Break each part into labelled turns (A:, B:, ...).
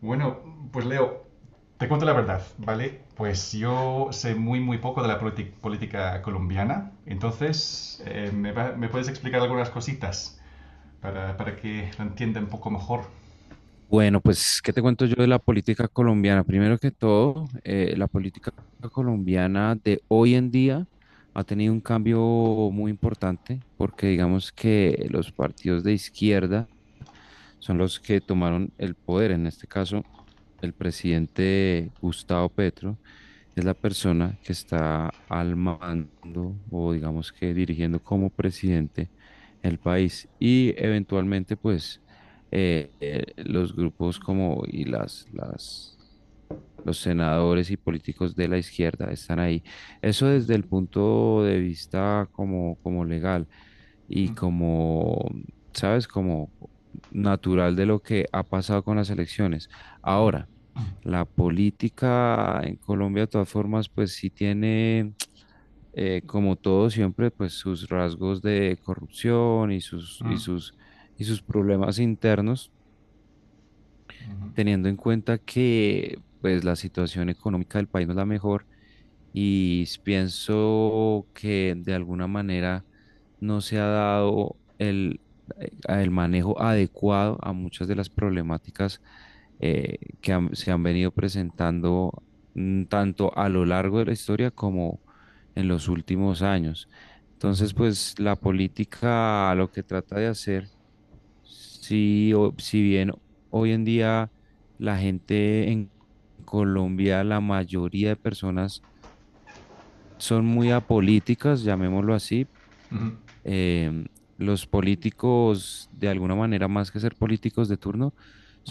A: Bueno, pues Leo, te cuento la verdad, ¿vale? Pues yo sé muy, muy poco de la política colombiana, entonces ¿me puedes explicar algunas cositas para que la entienda un poco mejor?
B: Bueno, pues, ¿qué te cuento yo de la política colombiana? Primero que todo, la política colombiana de hoy en día ha tenido un cambio muy importante porque digamos que los partidos de izquierda son los que tomaron el poder. En este caso, el presidente Gustavo Petro es la persona que está al mando o digamos que dirigiendo como presidente el país y eventualmente pues los grupos como y los senadores y políticos de la izquierda están ahí. Eso desde el punto de vista como, como legal y
A: Mm,
B: como, ¿sabes? Como natural de lo que ha pasado con las elecciones.
A: mm,
B: Ahora, la política en Colombia, de todas formas, pues sí tiene, como todo siempre, pues sus rasgos de corrupción
A: mm,
B: y sus problemas internos,
A: mm,
B: teniendo en cuenta que pues la situación económica del país no es la mejor y pienso que de alguna manera no se ha dado el manejo adecuado a muchas de las problemáticas que se han venido presentando tanto a lo largo de la historia como en los últimos años.
A: mm,
B: Entonces, pues la política lo que trata de hacer, si, si bien hoy en día la gente en Colombia, la mayoría de personas son muy apolíticas, llamémoslo así.
A: mm,
B: em, los políticos, de alguna manera, más que ser políticos de turno,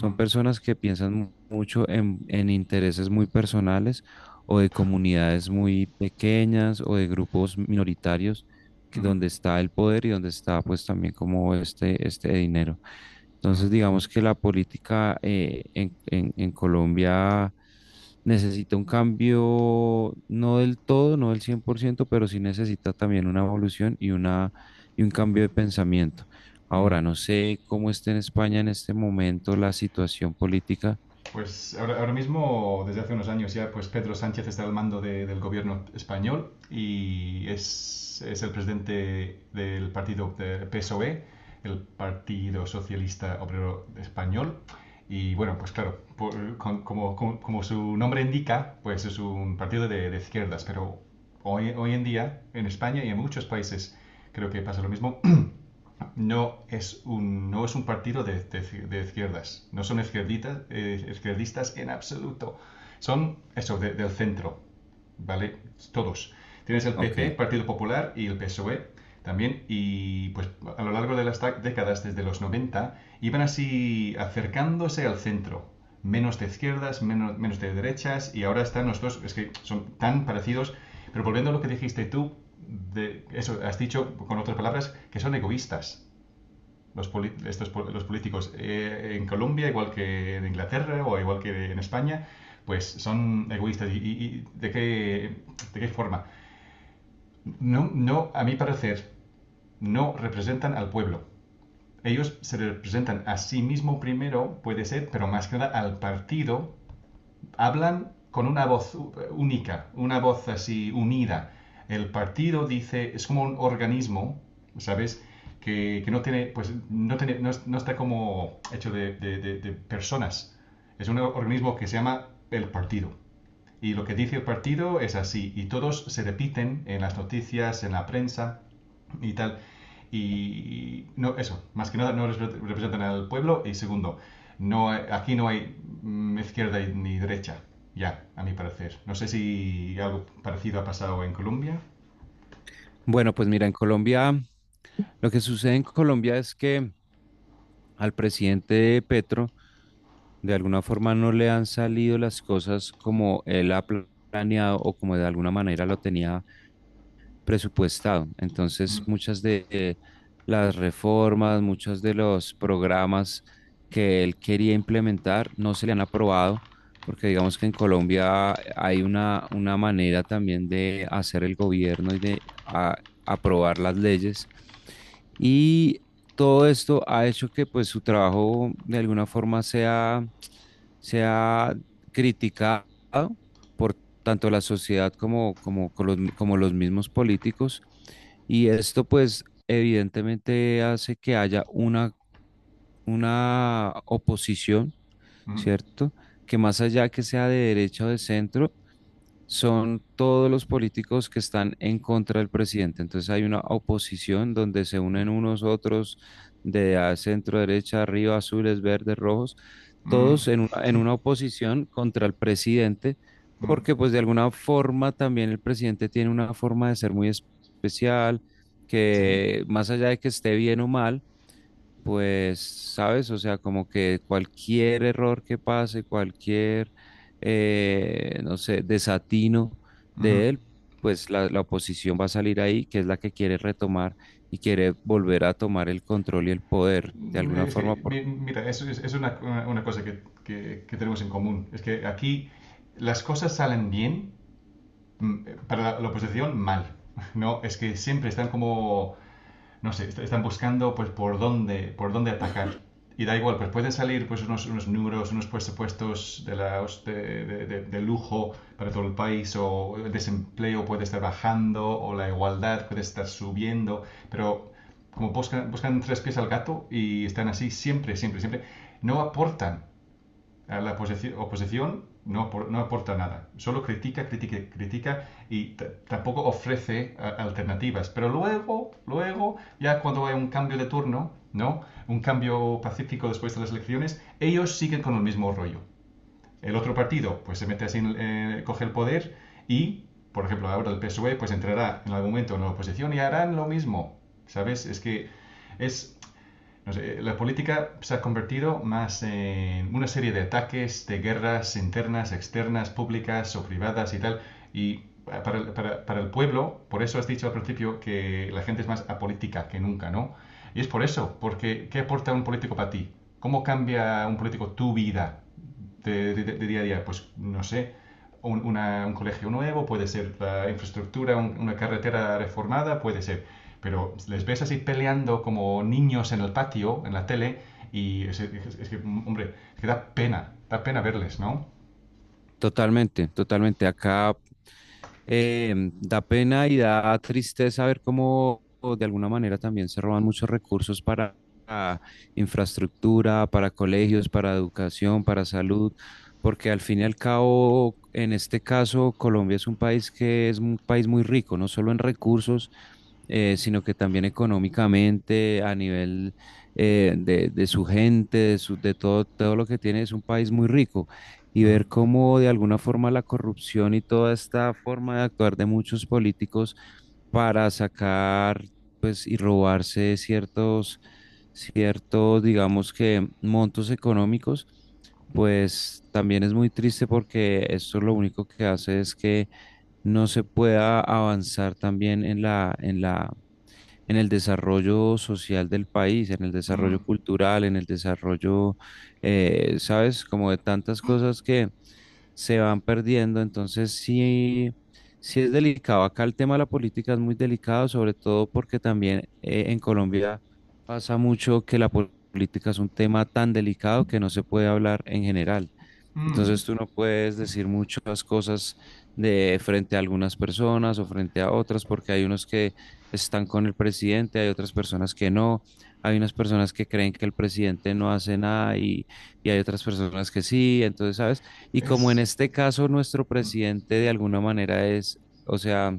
A: mm,
B: personas que piensan mucho en intereses muy personales o de comunidades muy pequeñas o de grupos minoritarios
A: mm,
B: donde está el poder y donde está pues también como este dinero.
A: mm,
B: Entonces, digamos que la política en Colombia necesita un cambio, no del todo, no del 100%, pero sí necesita también una evolución y, una, y un cambio de pensamiento.
A: mm.
B: Ahora, no sé cómo está en España en este momento la situación política.
A: Pues ahora mismo, desde hace unos años ya, pues Pedro Sánchez está al mando del gobierno español y es el presidente del partido de PSOE, el Partido Socialista Obrero Español. Y bueno, pues claro, como su nombre indica, pues es un partido de izquierdas, pero hoy en día, en España y en muchos países, creo que pasa lo mismo, no es un partido de izquierdas. No son izquierdistas en absoluto. Son eso, del centro. ¿Vale? Todos. Tienes el PP,
B: Ok.
A: Partido Popular y el PSOE también. Y pues a lo largo de las décadas, desde los 90 iban así acercándose al centro. Menos de izquierdas, menos de derechas. Y ahora están los dos, es que son tan parecidos. Pero volviendo a lo que dijiste tú, eso has dicho con otras palabras que son egoístas los, poli- estos los políticos en Colombia, igual que en Inglaterra o igual que en España, pues son egoístas. Y de qué forma? No, no, a mi parecer, no representan al pueblo. Ellos se representan a sí mismo primero, puede ser, pero más que nada al partido hablan con una voz única, una voz así unida. El partido dice, es como un organismo, ¿sabes? Que no tiene, pues no, tiene, no, no está como hecho de personas. Es un organismo que se llama el partido. Y lo que dice el partido es así, y todos se repiten en las noticias, en la prensa y tal. Y no, eso, más que nada no representan al pueblo. Y segundo, no, aquí no hay izquierda ni derecha, ya, a mi parecer. No sé si algo parecido ha pasado en Colombia.
B: Bueno, pues mira, en Colombia, lo que sucede en Colombia es que al presidente Petro de alguna forma no le han salido las cosas como él ha planeado o como de alguna manera lo tenía presupuestado. Entonces,
A: Mm,
B: muchas de las reformas, muchos de los programas que él quería implementar no se le han aprobado, porque digamos que en Colombia hay una manera también de hacer el gobierno y de aprobar las leyes. Y todo esto ha hecho que pues su trabajo de alguna forma sea se ha criticado por tanto la sociedad como, como, con los, como los mismos políticos. Y esto pues evidentemente hace que haya una oposición,
A: mm,
B: ¿cierto? Que más allá que sea de derecha o de centro, son todos los políticos que están en contra del presidente. Entonces hay una oposición donde se
A: mm,
B: unen unos otros de a centro, derecha, arriba, azules, verdes, rojos,
A: mm,
B: todos en una oposición contra el presidente,
A: mm,
B: porque pues de alguna forma también el presidente tiene una forma de ser muy especial,
A: sí.
B: que más allá de que esté bien o mal, pues, ¿sabes? O sea, como que cualquier error que pase, cualquier, no sé, desatino
A: Ujú.
B: de él, pues la oposición va a salir ahí, que es la que quiere retomar y quiere volver a tomar el control y el poder de alguna
A: Es
B: forma.
A: que, mira, es una cosa que tenemos en común. Es que aquí las cosas salen bien, mm, para la oposición mal. No, es que siempre están como no sé, están buscando pues por dónde atacar. Y da igual, pues pueden salir pues unos números, unos presupuestos de, la de lujo para todo el país, o el desempleo puede estar bajando, o la igualdad puede estar subiendo, pero como buscan tres pies al gato y están así siempre, siempre, siempre, no aportan a la oposición, no aporta nada, solo critica, critica, critica y tampoco ofrece alternativas. Pero luego, ya cuando hay un cambio de turno, ¿no? Un cambio pacífico después de las elecciones, ellos siguen con el mismo rollo. El otro partido, pues se mete así, coge el poder y, por ejemplo, ahora el PSOE, pues entrará en algún momento en la oposición y harán lo mismo, ¿sabes? Es que es no sé, la política se ha convertido más en una serie de ataques, de guerras internas, externas, públicas o privadas y tal. Y para el pueblo, por eso has dicho al principio que la gente es más apolítica que nunca, ¿no? Y es por eso, porque ¿qué aporta un político para ti? ¿Cómo cambia un político tu vida de día a día? Pues no sé, un colegio nuevo, puede ser la infraestructura, una carretera reformada, puede ser, pero les ves así peleando como niños en el patio, en la tele, y es que, hombre, es que da pena verles, ¿no?
B: Totalmente, totalmente. Acá da pena y da tristeza ver cómo o de alguna manera también se roban muchos recursos para ah, infraestructura, para colegios, para educación, para salud, porque al fin y al cabo, en este caso, Colombia es un país que es un país muy rico, no solo en recursos, sino que también económicamente, a nivel de su gente, de, de todo, todo lo que tiene, es un país muy rico y
A: Mm,
B: ver cómo de alguna forma la corrupción y toda esta forma de actuar de muchos políticos para sacar pues y robarse ciertos ciertos digamos que montos económicos, pues también es muy triste porque esto lo único que hace es que no se pueda avanzar también en la en el desarrollo social del país, en el
A: mm,
B: desarrollo cultural, en el desarrollo, ¿sabes? Como de tantas cosas que se van perdiendo. Entonces, sí, sí es delicado. Acá el tema de la política es muy delicado, sobre todo porque también en Colombia pasa mucho que la política es un tema tan delicado que no se puede hablar en general.
A: mm,
B: Entonces tú no puedes decir muchas cosas de frente a algunas personas o frente a otras, porque hay unos que están con el presidente, hay otras personas que no, hay unas personas que creen que el presidente no hace nada y, y hay otras personas que sí, entonces, ¿sabes? Y como en
A: es...
B: este caso nuestro
A: mm,
B: presidente de alguna manera es, o sea,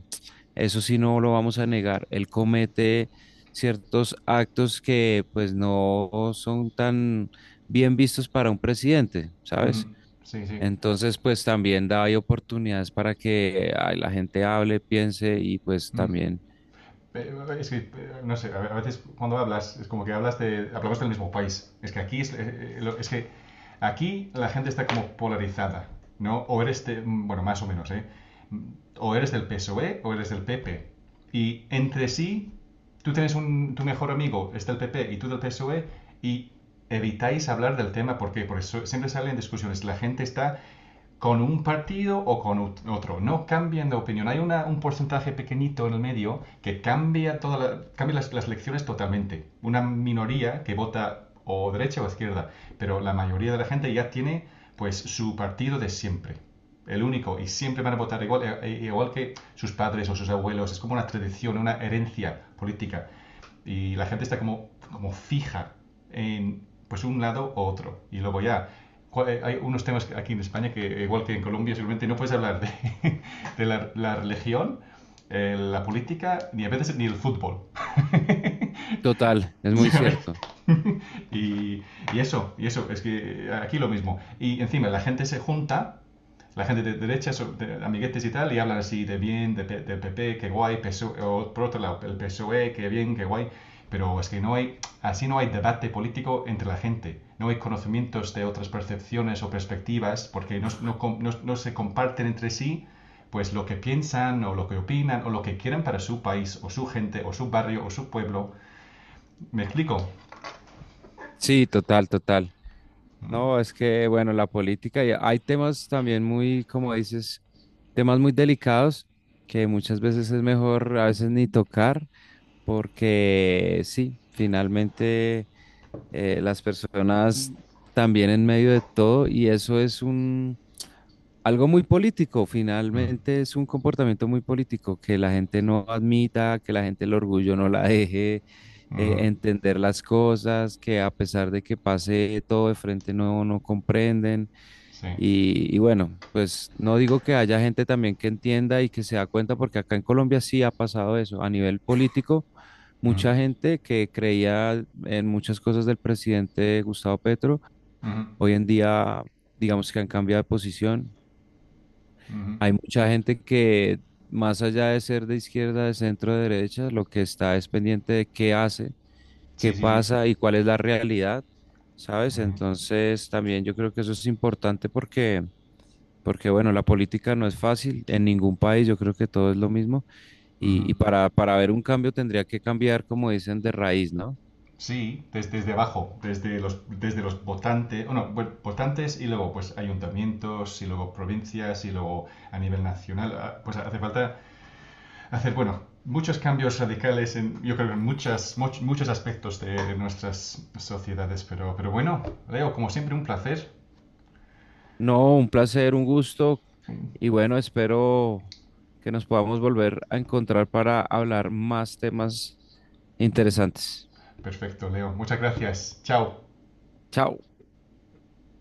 B: eso sí no lo vamos a negar, él comete ciertos actos que pues no son tan bien vistos para un presidente, ¿sabes?
A: mm, sí, sí.
B: Entonces, pues también da ahí oportunidades para que ay, la gente hable, piense y pues
A: Mm.
B: también,
A: Es que, no sé, a veces cuando hablas, es como que hablamos del mismo país. Es que aquí es que aquí la gente está como polarizada, ¿no? O eres, bueno, más o menos, ¿eh? O eres del PSOE o E o eres del PP. Y entre sí, tú tienes tu mejor amigo, es del PP y tú del PSOE, y evitáis hablar del tema porque por eso siempre salen discusiones. La gente está con un partido o con otro. No cambian de opinión. Hay un porcentaje pequeñito en el medio que cambia, cambia las elecciones totalmente. Una minoría que vota o derecha o izquierda, pero la mayoría de la gente ya tiene pues su partido de siempre. El único, y siempre van a votar igual que sus padres o sus abuelos. Es como una tradición, una herencia política y la gente está como fija en pues un lado u otro. Y luego ya, hay unos temas aquí en España que, igual que en Colombia, seguramente no puedes hablar de la religión, la política, ni a veces ni el fútbol.
B: total, es muy
A: ¿sabes?
B: cierto.
A: Y, y eso, es que aquí lo mismo. Y encima la gente se junta, la gente de derecha, de amiguetes y tal, y hablan así de bien, del PP, qué guay, PSOE, o E, o por otro lado, el PSOE, qué bien, qué guay, pero es que así no hay debate político entre la gente, no hay conocimientos de otras percepciones o perspectivas, porque no se comparten entre sí pues lo que piensan o lo que opinan o lo que quieren para su país o su gente o su barrio o su pueblo. ¿Me explico?
B: Sí, total, total.
A: Mm,
B: No, es que, bueno, la política, y hay temas también muy, como dices, temas muy delicados que muchas veces es mejor a veces ni tocar porque sí, finalmente las personas también en medio de todo y eso es un algo muy político,
A: mm,
B: finalmente es un comportamiento muy político, que la gente no admita, que la gente el orgullo no la deje
A: mhm,
B: entender las cosas, que a pesar de que pase todo de frente no, no comprenden.
A: sí.
B: Y bueno, pues no digo que haya gente también que entienda y que se da cuenta, porque acá en Colombia sí ha pasado eso. A nivel político,
A: Mm,
B: mucha gente que creía en muchas cosas del presidente Gustavo Petro,
A: mhm,
B: hoy en día digamos que han cambiado de posición.
A: mhm.
B: Hay mucha gente que, más allá de ser de izquierda, de centro, de derecha, lo que está es pendiente de qué hace, qué
A: Sí, sí, sí.
B: pasa y cuál es la realidad, ¿sabes?
A: Mhm.
B: Entonces, también yo creo que eso es importante porque, porque bueno, la política no es fácil en ningún país, yo creo que todo es lo mismo y
A: Ujú.
B: para ver un cambio tendría que cambiar, como dicen, de raíz, ¿no?
A: Sí, desde abajo, desde los votantes, bueno, bueno, votantes y luego pues ayuntamientos y luego provincias y luego a nivel nacional, ah, pues hace falta hacer, bueno, muchos cambios radicales en, yo creo, en muchos aspectos de nuestras sociedades, pero bueno, Leo, como siempre, un placer.
B: No, un placer, un gusto y bueno, espero que nos podamos volver a encontrar para hablar más temas interesantes.
A: Perfecto, Leo, muchas gracias. Chao.
B: Chao.